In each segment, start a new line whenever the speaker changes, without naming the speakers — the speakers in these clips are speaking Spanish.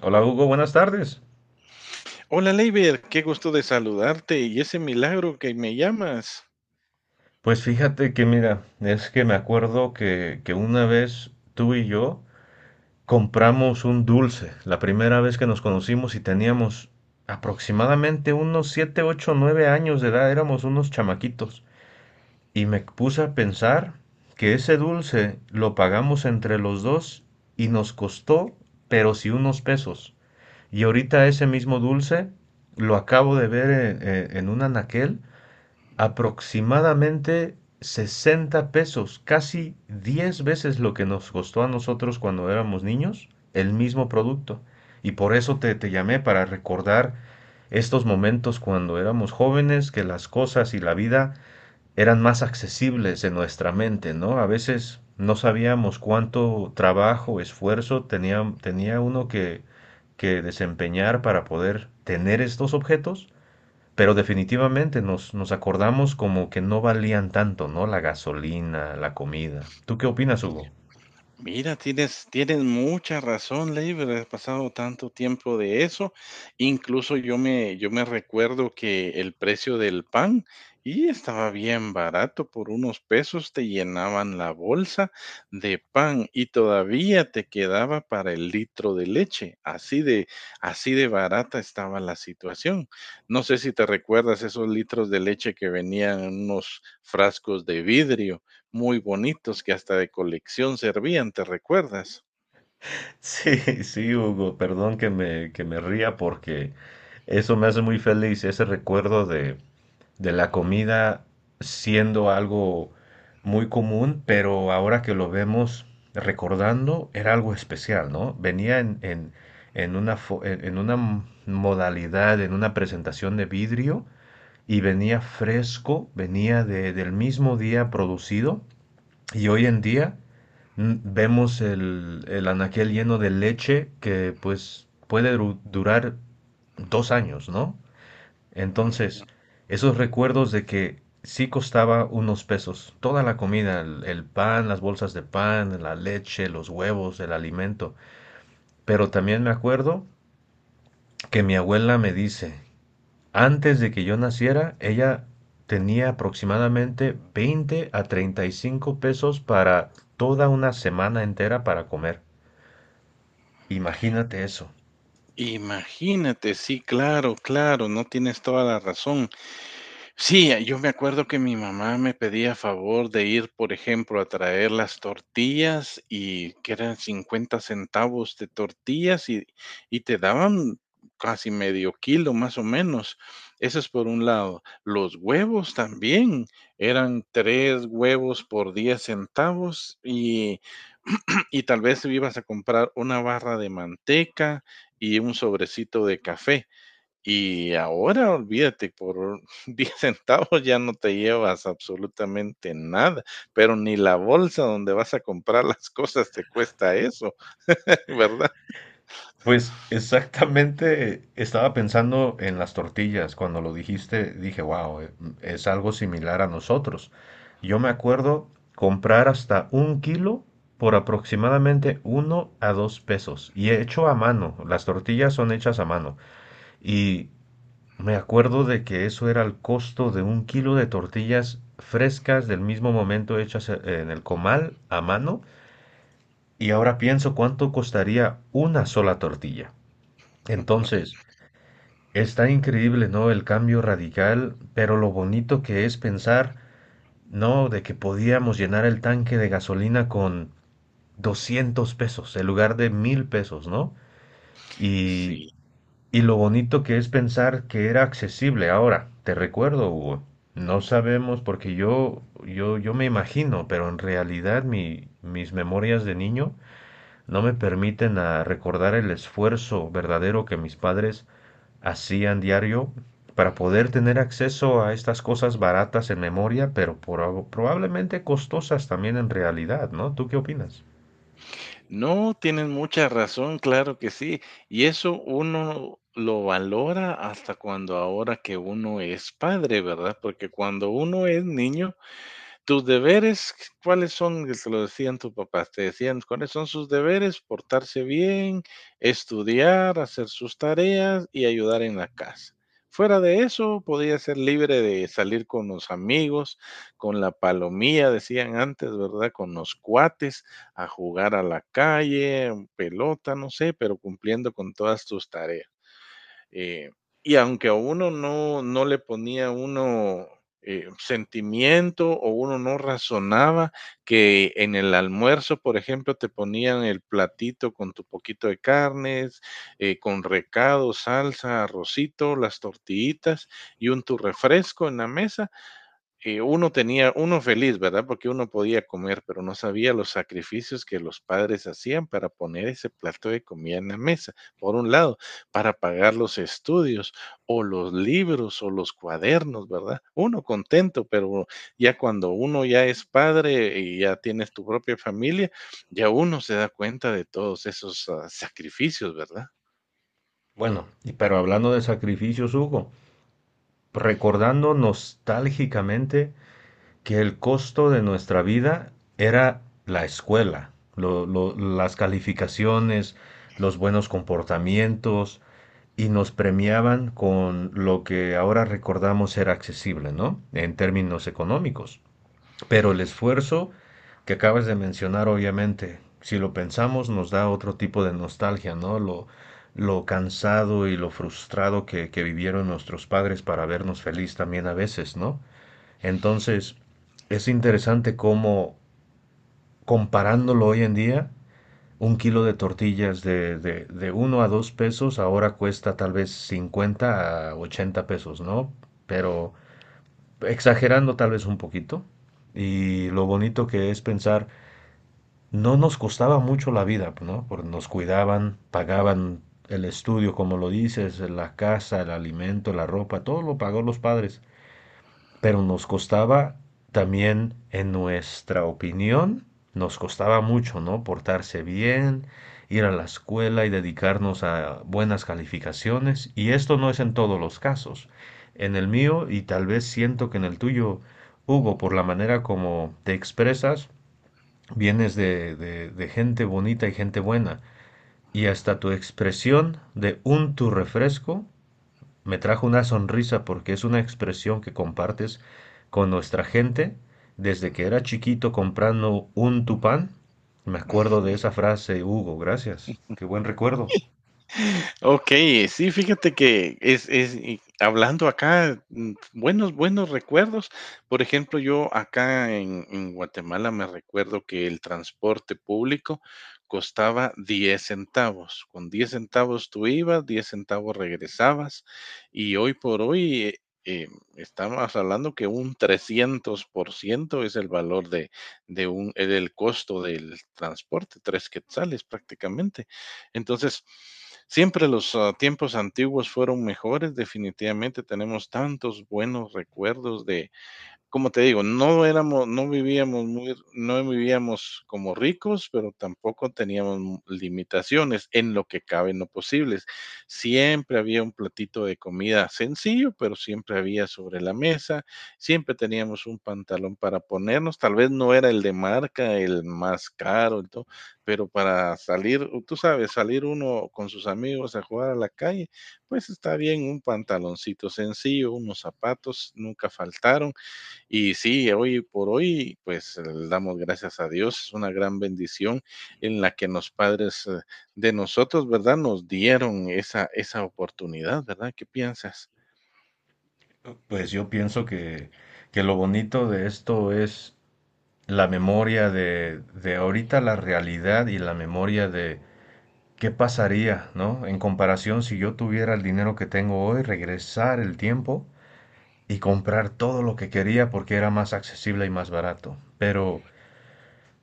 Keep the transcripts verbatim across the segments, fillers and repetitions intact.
Hola Hugo, buenas tardes.
Hola, Leiber, qué gusto de saludarte y ese milagro que me llamas.
Pues fíjate que mira, es que me acuerdo que, que una vez tú y yo compramos un dulce, la primera vez que nos conocimos y teníamos aproximadamente unos siete, ocho, nueve años de edad, éramos unos chamaquitos. Y me puse a pensar que ese dulce lo pagamos entre los dos y nos costó, pero sí unos pesos. Y ahorita ese mismo dulce lo acabo de ver en, en en un anaquel aproximadamente sesenta pesos, casi diez veces lo que nos costó a nosotros cuando éramos niños, el mismo producto. Y por eso te, te llamé para recordar estos momentos cuando éramos jóvenes, que las cosas y la vida eran más accesibles en nuestra mente, ¿no? A veces no sabíamos cuánto trabajo, esfuerzo tenía, tenía uno que, que desempeñar para poder tener estos objetos, pero definitivamente nos, nos acordamos como que no valían tanto, ¿no? La gasolina, la comida. ¿Tú qué opinas, Hugo?
Mira, tienes, tienes mucha razón, Leiber, haber pasado tanto tiempo de eso. Incluso yo me, yo me recuerdo que el precio del pan y estaba bien barato, por unos pesos te llenaban la bolsa de pan y todavía te quedaba para el litro de leche. Así de, así de barata estaba la situación. No sé si te recuerdas esos litros de leche que venían en unos frascos de vidrio muy bonitos que hasta de colección servían, ¿te recuerdas?
Sí, sí, Hugo, perdón que me, que me ría porque eso me hace muy feliz, ese recuerdo de, de la comida siendo algo muy común, pero ahora que lo vemos recordando, era algo especial, ¿no? Venía en, en, en una, fo- en en una modalidad, en una presentación de vidrio, y venía fresco, venía de- del mismo día producido. Y hoy en día mm, vemos el, el anaquel lleno de leche que pues puede du- durar dos años, ¿no?
Mm.
Entonces, esos recuerdos de que sí costaba unos pesos, toda la comida, el, el pan, las bolsas de pan, la leche, los huevos, el alimento. Pero también me acuerdo que mi abuela me dice, antes de que yo naciera, ella tenía aproximadamente veinte a treinta y cinco pesos para toda una semana entera para comer. Imagínate eso.
Imagínate, sí, claro, claro, no tienes toda la razón. Sí, eh, yo me acuerdo que mi mamá me pedía favor de ir, por ejemplo, a traer las tortillas y que eran cincuenta centavos de tortillas y, y te daban casi medio kilo más o menos. Eso es por un lado. Los huevos también eran tres huevos por diez centavos y, y tal vez ibas a comprar una barra de manteca y un sobrecito de café. Y ahora olvídate, por diez centavos ya no te llevas absolutamente nada, pero ni la bolsa donde vas a comprar las cosas te cuesta eso, ¿verdad?
Pues exactamente estaba pensando en las tortillas. Cuando lo dijiste, dije, wow, es algo similar a nosotros. Yo me acuerdo comprar hasta un kilo por aproximadamente uno a dos pesos y hecho a mano. Las tortillas son hechas a mano, y me acuerdo de que eso era el costo de un kilo de tortillas frescas del mismo momento hechas e- en el comal a mano, y ahora pienso cuánto costaría una sola tortilla. Entonces, está increíble, ¿no? El cambio radical, pero lo bonito que es pensar, ¿no? De que podíamos llenar el tanque de gasolina con doscientos pesos en lugar de mil pesos, ¿no? Y
Sí,
Y lo bonito que es pensar que era accesible. Ahora, te recuerdo, Hugo, no sabemos porque yo, yo, yo me imagino, pero en realidad mi, mis memorias de niño no me permiten a recordar el esfuerzo verdadero que mis padres hacían diario para poder tener acceso a estas cosas baratas en memoria, pero por probablemente costosas también en realidad, ¿no? ¿Tú qué opinas?
no, tienen mucha razón, claro que sí. Y eso uno lo valora hasta cuando ahora que uno es padre, ¿verdad? Porque cuando uno es niño, tus deberes, ¿cuáles son? Que te lo decían tus papás, te decían, ¿cuáles son sus deberes? Portarse bien, estudiar, hacer sus tareas y ayudar en la casa. Fuera de eso, podía ser libre de salir con los amigos, con la palomía, decían antes, ¿verdad? Con los cuates, a jugar a la calle, pelota, no sé, pero cumpliendo con todas tus tareas. Eh, y aunque a uno no, no le ponía uno eh, sentimiento o uno no razonaba que en el almuerzo, por ejemplo, te ponían el platito con tu poquito de carnes, eh, con recado, salsa, arrocito, las tortillitas y un tu refresco en la mesa eh, uno tenía, uno feliz, ¿verdad? Porque uno podía comer, pero no sabía los sacrificios que los padres hacían para poner ese plato de comida en la mesa, por un lado, para pagar los estudios o los libros o los cuadernos, ¿verdad? Uno contento, pero ya cuando uno ya es padre y ya tienes tu propia familia, ya uno se da cuenta de todos esos ah, sacrificios, ¿verdad?
Bueno, y pero hablando de sacrificios, Hugo, recordando nostálgicamente que el costo de nuestra vida era la escuela, lo- lo- las calificaciones, los buenos comportamientos, y nos premiaban con lo que ahora recordamos ser accesible, ¿no? En términos económicos. Pero el esfuerzo que acabas de mencionar, obviamente, si lo pensamos, nos da otro tipo de nostalgia, ¿no? Lo, lo cansado y lo frustrado que, que vivieron nuestros padres para vernos feliz también a veces, ¿no? Entonces, es interesante cómo, comparándolo hoy en día, un kilo de tortillas de, de, de uno a dos pesos ahora cuesta tal vez cincuenta a ochenta pesos, ¿no? Pero exagerando tal vez un poquito. Y lo bonito que es pensar, no nos costaba mucho la vida, ¿no? Porque nos cuidaban,
Mm.
pagaban el estudio, como lo dices, la casa, el alimento, la ropa, todo lo pagó los padres. Pero nos costaba también, en nuestra opinión, nos costaba mucho, ¿no? Portarse bien, ir a la escuela y dedicarnos a buenas calificaciones. Y esto no es en todos los casos. En el mío, y tal vez siento que en el tuyo, Hugo, por la manera como te expresas, vienes de, de, de gente bonita y gente buena. Y hasta tu expresión de un tu refresco me trajo una sonrisa porque es una expresión que compartes con nuestra gente. Desde que era chiquito comprando un tupán, me acuerdo de esa frase, Hugo, gracias. Qué buen recuerdo.
Ok, sí, fíjate que es es y hablando acá, mm, buenos buenos recuerdos. Por ejemplo, yo acá en en Guatemala me recuerdo que el transporte público costaba diez centavos. Con diez centavos tú ibas, diez centavos regresabas, y hoy por hoy, eh, em, estamos hablando que un trescientos por ciento es el valor de de un eh, del costo del transporte, tres quetzales prácticamente. Entonces, siempre los ah, tiempos antiguos fueron mejores, definitivamente tenemos tantos buenos recuerdos de como te digo, no éramos, no vivíamos muy, no vivíamos como ricos, pero tampoco teníamos limitaciones en lo que cabe en lo posibles. Siempre había un platito de comida sencillo, pero siempre había sobre la mesa, siempre teníamos un pantalón para ponernos, tal vez no era el de marca, el más caro, el to- pero para salir, tú sabes, salir uno con sus amigos a jugar a la calle, pues está bien un pantaloncito sencillo, unos zapatos, nunca faltaron y sí, hoy por hoy, pues eh, le damos gracias a Dios. Es una gran bendición en la que los padres eh, de nosotros, ¿verdad? Nos dieron esa, esa oportunidad, ¿verdad? ¿Qué piensas?
Pues yo pienso que, que lo bonito de esto es la memoria de, de ahorita, la realidad y la memoria de qué pasaría, ¿no? En comparación, si yo tuviera el dinero que tengo hoy, regresar el tiempo y comprar todo lo que quería porque era más accesible y más barato. Pero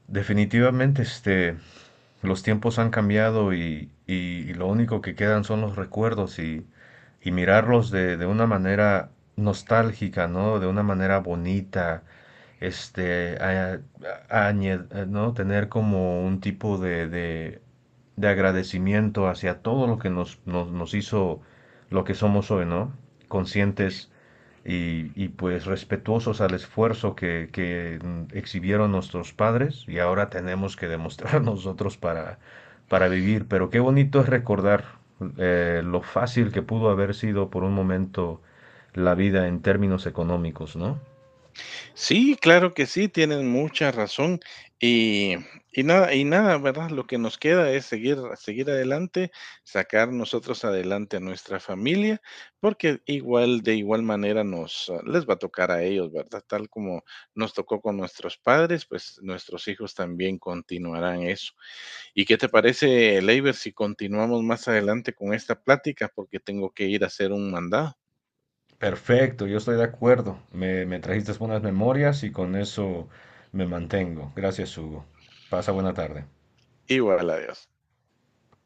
definitivamente este, los tiempos han cambiado, y, y- y lo único que quedan son los recuerdos, y, y mirarlos de, de una manera nostálgica, ¿no? De una manera bonita, este, a- a- añe- eh, ¿no? Tener como un tipo de, de, de agradecimiento hacia todo lo que nos, nos, nos hizo lo que somos hoy, ¿no? Conscientes y, y, pues respetuosos al esfuerzo que, que, exhibieron nuestros padres, y ahora tenemos que demostrar nosotros para, para vivir. Pero qué bonito es recordar eh, lo fácil que pudo haber sido por un momento la vida en términos económicos, ¿no?
Sí, claro que sí, tienen mucha razón. Y, y nada, y nada, ¿verdad? Lo que nos queda es seguir, seguir adelante, sacar nosotros adelante a nuestra familia, porque igual, de igual manera nos ah, les va a tocar a ellos, ¿verdad? Tal como nos tocó con nuestros padres, pues nuestros hijos también continuarán eso. ¿Y qué te parece, Leiber, si continuamos más adelante con esta plática? Porque tengo que ir a hacer un mandado.
Perfecto, yo estoy de acuerdo. Me, me trajiste buenas memorias y con eso me mantengo. Gracias, Hugo. Pasa buena tarde.
Igual, adiós.